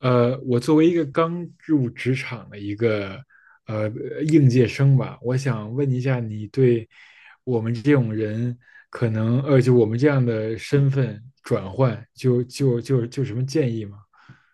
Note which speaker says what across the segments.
Speaker 1: 我作为一个刚入职场的一个呃应届生吧，我想问一下，你对我们这种人，可能,就我们这样的身份转换，就有什么建议吗？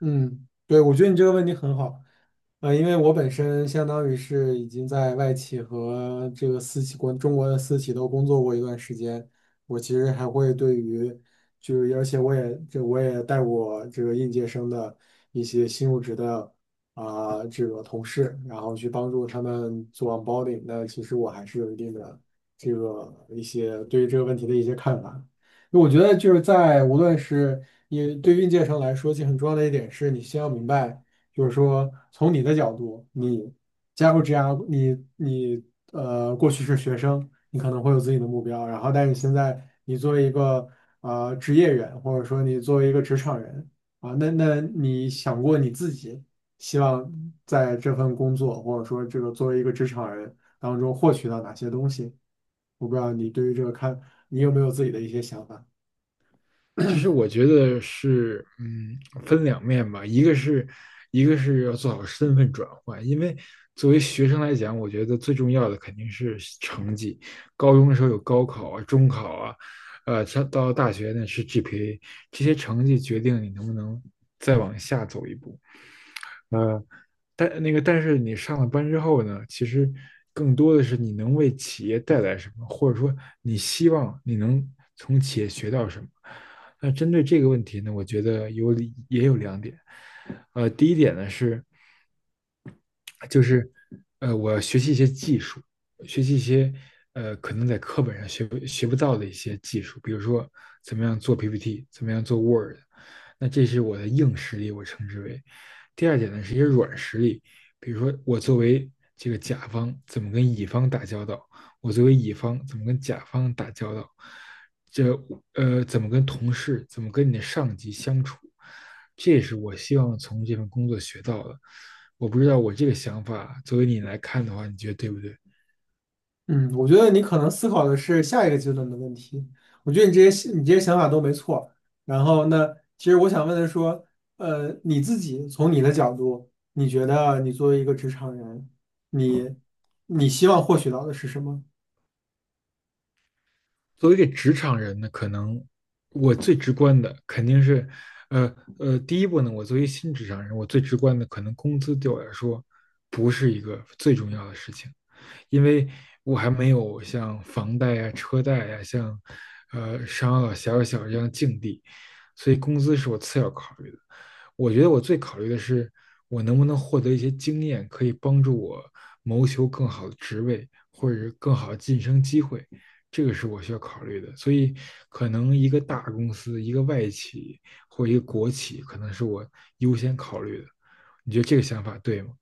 Speaker 2: 嗯，对，我觉得你这个问题很好。因为我本身相当于是已经在外企和这个私企国中国的私企都工作过一段时间。我其实还会对于就是而且我也带过这个应届生的一些新入职的啊、这个同事，然后去帮助他们做 onboarding。那其实我还是有一定的这个一些对于这个问题的一些看法。我觉得就是无论是对运界生来说，其实很重要的一点是你先要明白。就是说从你的角度，你加入 GR，你过去是学生，你可能会有自己的目标。但是现在你作为一个职业人，或者说你作为一个职场人。啊，那你想过你自己希望在这份工作，或者说这个作为一个职场人当中获取到哪些东西？我不知道你对于这个看，你有没有自己的一些想法？
Speaker 1: 其实我觉得是，嗯，分两面吧，一个是要做好身份转换，因为作为学生来讲，我觉得最重要的肯定是成绩。高中的时候有高考啊、中考啊，上到大学呢是 GPA，这些成绩决定你能不能再往下走一步。但那个，但是你上了班之后呢，其实更多的是你能为企业带来什么，或者说你希望你能从企业学到什么。那针对这个问题呢，我觉得有两点。第一点呢是，就是我要学习一些技术，学习一些可能在课本上学不到的一些技术，比如说怎么样做 PPT，怎么样做 Word，那这是我的硬实力，我称之为。第二点呢，是一些软实力，比如说我作为这个甲方怎么跟乙方打交道，我作为乙方怎么跟甲方打交道，这怎么跟同事，怎么跟你的上级相处，这也是我希望从这份工作学到的。我不知道我这个想法，作为你来看的话，你觉得对不对？
Speaker 2: 嗯，我觉得你可能思考的是下一个阶段的问题。我觉得你这些想法都没错。然后呢，其实我想问的说，你自己从你的角度，你觉得你作为一个职场人，你你希望获取到的是什么？
Speaker 1: 作为一个职场人呢，可能我最直观的肯定是，呃第一步呢，我作为新职场人，我最直观的可能工资对我来说不是一个最重要的事情，因为我还没有像房贷呀、车贷呀、像商啊、小小小这样的境地，所以工资是我次要考虑的。我觉得我最考虑的是我能不能获得一些经验，可以帮助我谋求更好的职位或者是更好的晋升机会，这个是我需要考虑的。所以，可能一个大公司、一个外企或一个国企，可能是我优先考虑的。你觉得这个想法对吗？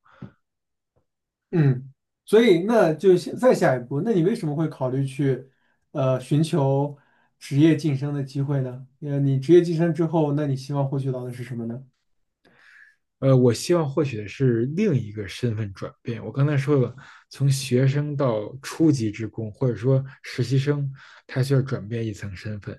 Speaker 2: 嗯，所以那就再下一步，那你为什么会考虑去寻求职业晋升的机会呢？你职业晋升之后，那你希望获取到的是什么呢？
Speaker 1: 呃，我希望获取的是另一个身份转变。我刚才说了，从学生到初级职工，或者说实习生，他需要转变一层身份。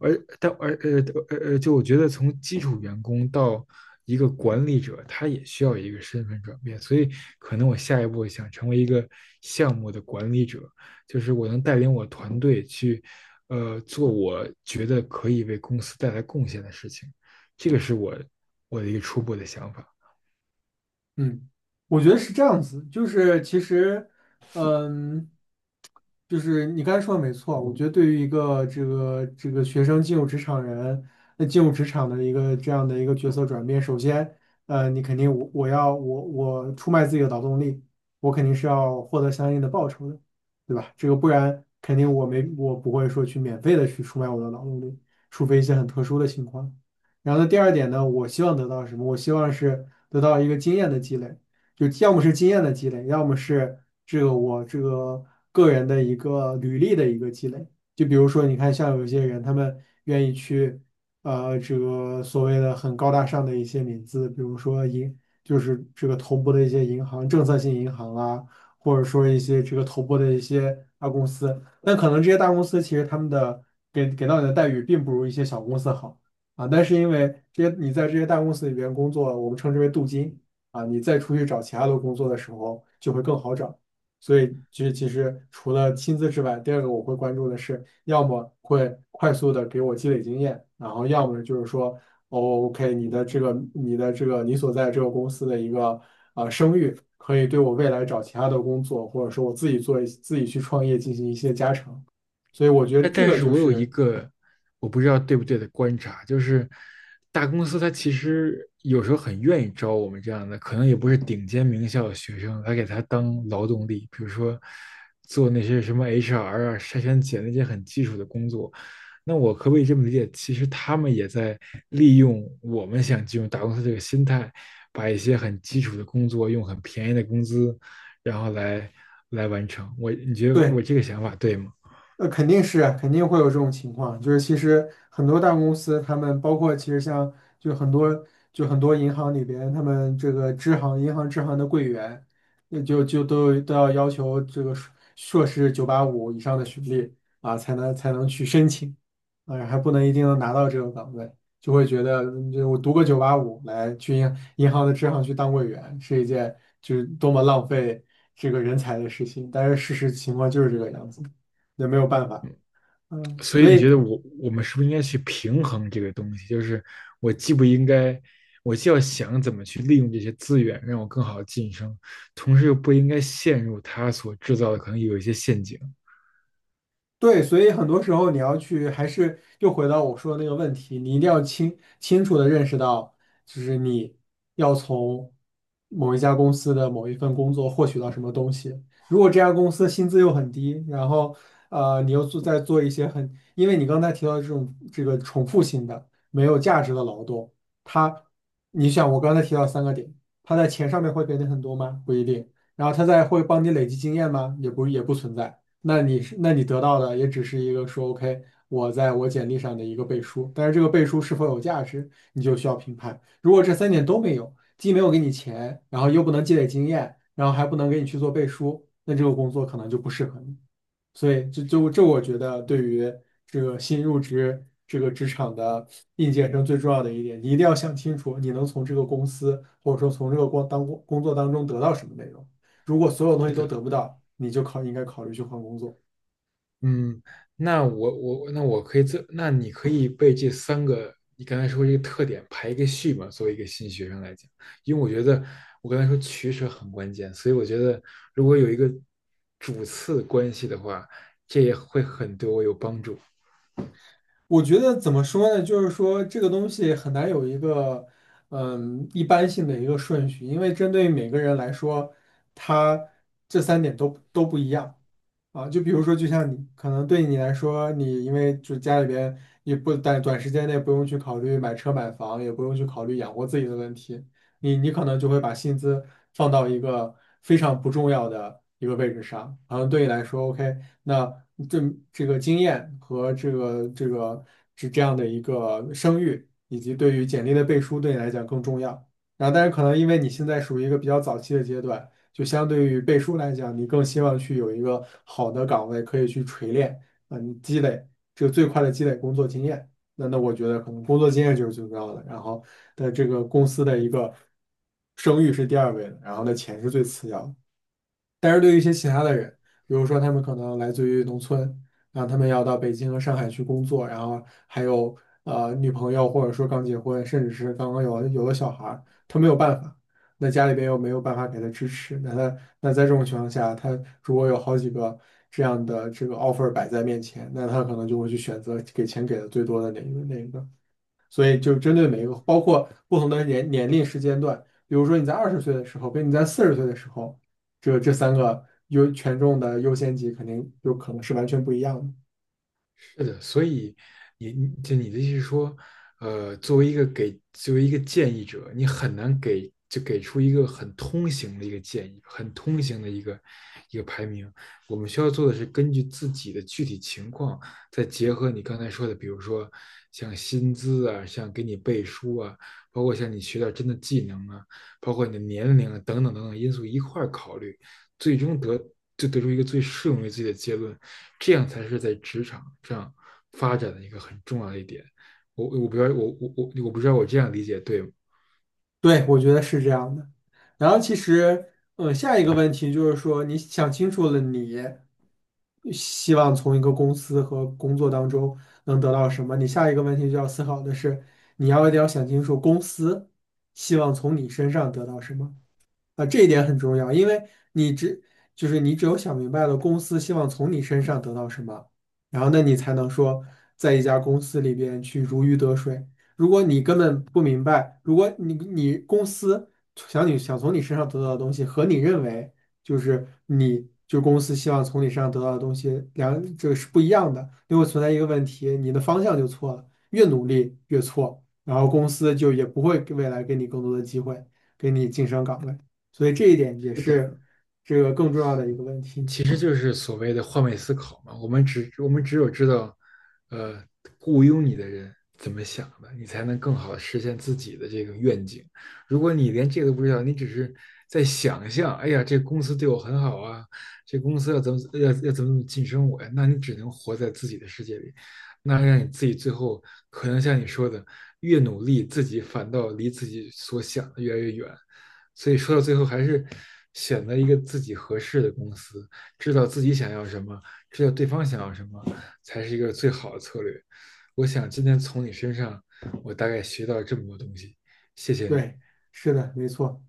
Speaker 1: 而但而呃呃呃，就我觉得从基础员工到一个管理者，他也需要一个身份转变。所以，可能我下一步想成为一个项目的管理者，就是我能带领我团队去，做我觉得可以为公司带来贡献的事情。这个是我的一个初步的想法。
Speaker 2: 嗯，我觉得是这样子。就是其实，嗯，就是你刚才说的没错。我觉得对于一个这个学生进入职场人，那进入职场的一个这样的一个角色转变。首先，你肯定我我要我我出卖自己的劳动力，我肯定是要获得相应的报酬的，对吧？这个不然肯定我不会说去免费的去出卖我的劳动力，除非一些很特殊的情况。然后呢，第二点呢，我希望得到什么？我希望是得到一个经验的积累，就要么是经验的积累，要么是我这个个人的一个履历的一个积累。就比如说，你看，像有一些人，他们愿意去，这个所谓的很高大上的一些名字，比如说就是这个投播的一些银行、政策性银行啊，或者说一些这个投播的一些大公司。但可能这些大公司其实他们的给到你的待遇并不如一些小公司好。啊，但是因为这些你在这些大公司里边工作，我们称之为镀金，啊，你再出去找其他的工作的时候就会更好找。所以其实除了薪资之外，第二个我会关注的是，要么会快速的给我积累经验，然后要么就是说，哦，OK，你的这个你所在这个公司的一个声誉，可以对我未来找其他的工作，或者说我自己去创业进行一些加成。所以我觉得
Speaker 1: 但
Speaker 2: 这
Speaker 1: 但
Speaker 2: 个
Speaker 1: 是
Speaker 2: 就
Speaker 1: 我有一
Speaker 2: 是。
Speaker 1: 个我不知道对不对的观察，就是大公司它其实有时候很愿意招我们这样的，可能也不是顶尖名校的学生，来给他当劳动力，比如说做那些什么 HR 啊、筛选简历那些很基础的工作。那我可不可以这么理解？其实他们也在利用我们想进入大公司这个心态，把一些很基础的工作用很便宜的工资，然后来完成。我，你觉得我
Speaker 2: 对。
Speaker 1: 这个想法对吗？
Speaker 2: 肯定会有这种情况，就是其实很多大公司，他们包括其实像就很多就很多银行里边，他们这个银行支行的柜员，那就都要要求这个硕士九八五以上的学历，啊，才能去申请。啊，还不能一定能拿到这个岗位。就会觉得就我读个九八五来去银行的支行去当柜员是一件就是多么浪费这个人才的事情，但是事实情况就是这个样子。那没有办法。
Speaker 1: 所以
Speaker 2: 所
Speaker 1: 你觉
Speaker 2: 以
Speaker 1: 得我们是不是应该去平衡这个东西？就是我既不应该，我既要想怎么去利用这些资源，让我更好的晋升，同时又不应该陷入他所制造的可能有一些陷阱。
Speaker 2: 对。所以很多时候你要去，还是又回到我说的那个问题，你一定要清楚的认识到，就是你要从某一家公司的某一份工作获取到什么东西。如果这家公司薪资又很低，然后你在做一些很，因为你刚才提到这种这个重复性的、没有价值的劳动。它，你想我刚才提到三个点，它在钱上面会给你很多吗？不一定。然后它在会帮你累积经验吗？也不存在。那你得到的也只是一个说 OK，我在我简历上的一个背书，但是这个背书是否有价值，你就需要评判。如果这三点都没有，既没有给你钱，然后又不能积累经验，然后还不能给你去做背书，那这个工作可能就不适合你。所以这就这，我觉得对于这个新入职这个职场的应届生最重要的一点，你一定要想清楚，你能从这个公司或者说从这个工作当中得到什么内容。如果所有东
Speaker 1: 是
Speaker 2: 西都
Speaker 1: 的，
Speaker 2: 得不到，你就应该考虑去换工作。
Speaker 1: 嗯，那你可以被这三个你刚才说这个特点排一个序嘛？作为一个新学生来讲，因为我觉得我刚才说取舍很关键，所以我觉得如果有一个主次关系的话，这也会很对我有帮助。
Speaker 2: 我觉得怎么说呢？就是说这个东西很难有一个一般性的一个顺序，因为针对每个人来说，他这三点都不一样。啊，就比如说，就像你可能对你来说，你因为就家里边也不短短时间内不用去考虑买车买房，也不用去考虑养活自己的问题，你可能就会把薪资放到一个非常不重要的一个位置上。然后对你来说，OK，那这这个经验和这个是这样的一个声誉，以及对于简历的背书，对你来讲更重要。然后，但是可能因为你现在属于一个比较早期的阶段。就相对于背书来讲，你更希望去有一个好的岗位可以去锤炼。你这个最快的积累工作经验。那我觉得可能工作经验就是最重要的，然后的这个公司的一个声誉是第二位的，然后呢钱是最次要的。但是对于一些其他的人，比如说他们可能来自于农村，然后他们要到北京和上海去工作，然后还有女朋友，或者说刚结婚，甚至是刚刚有了小孩儿，他没有办法。那家里边又没有办法给他支持，那在这种情况下，他如果有好几个这样的这个 offer 摆在面前，那他可能就会去选择给钱给的最多的那一个那一个。所以就针对每一个，包括不同的年龄时间段，比如说你在20岁的时候，跟你在40岁的时候，这三个权重的优先级肯定就可能是完全不一样的。
Speaker 1: 是的，所以你的意思是说，呃，作为一个建议者，你很难给出一个很通行的一个建议，很通行的一个排名。我们需要做的是根据自己的具体情况，再结合你刚才说的，比如说像薪资啊，像给你背书啊，包括像你学到真的技能啊，包括你的年龄啊等等等等因素一块儿考虑。最终得出一个最适用于自己的结论，这样才是在职场上发展的一个很重要的一点。我不知道我这样理解对吗？
Speaker 2: 对，我觉得是这样的。然后其实，下一个问题就是说，你想清楚了你希望从一个公司和工作当中能得到什么，你下一个问题就要思考的是，一定要想清楚公司希望从你身上得到什么。啊，这一点很重要，因为你只就是你只有想明白了公司希望从你身上得到什么，然后那你才能说在一家公司里边去如鱼得水。如果你根本不明白，如果你公司想你想从你身上得到的东西和你认为就是公司希望从你身上得到的东西这个是不一样的，就会存在一个问题，你的方向就错了，越努力越错，然后公司就也不会给未来给你更多的机会，给你晋升岗位。所以这一点也
Speaker 1: 是的，
Speaker 2: 是这个更重要的一个问题。
Speaker 1: 其实就是所谓的换位思考嘛。我们只有知道，呃，雇佣你的人怎么想的，你才能更好的实现自己的这个愿景。如果你连这个都不知道，你只是在想象，哎呀，这公司对我很好啊，这公司要怎么晋升我呀？那你只能活在自己的世界里，那让你自己最后可能像你说的，越努力，自己反倒离自己所想的越来越远。所以说到最后还是选择一个自己合适的公司，知道自己想要什么，知道对方想要什么，才是一个最好的策略。我想今天从你身上，我大概学到这么多东西，谢谢你。
Speaker 2: 对，是的，没错。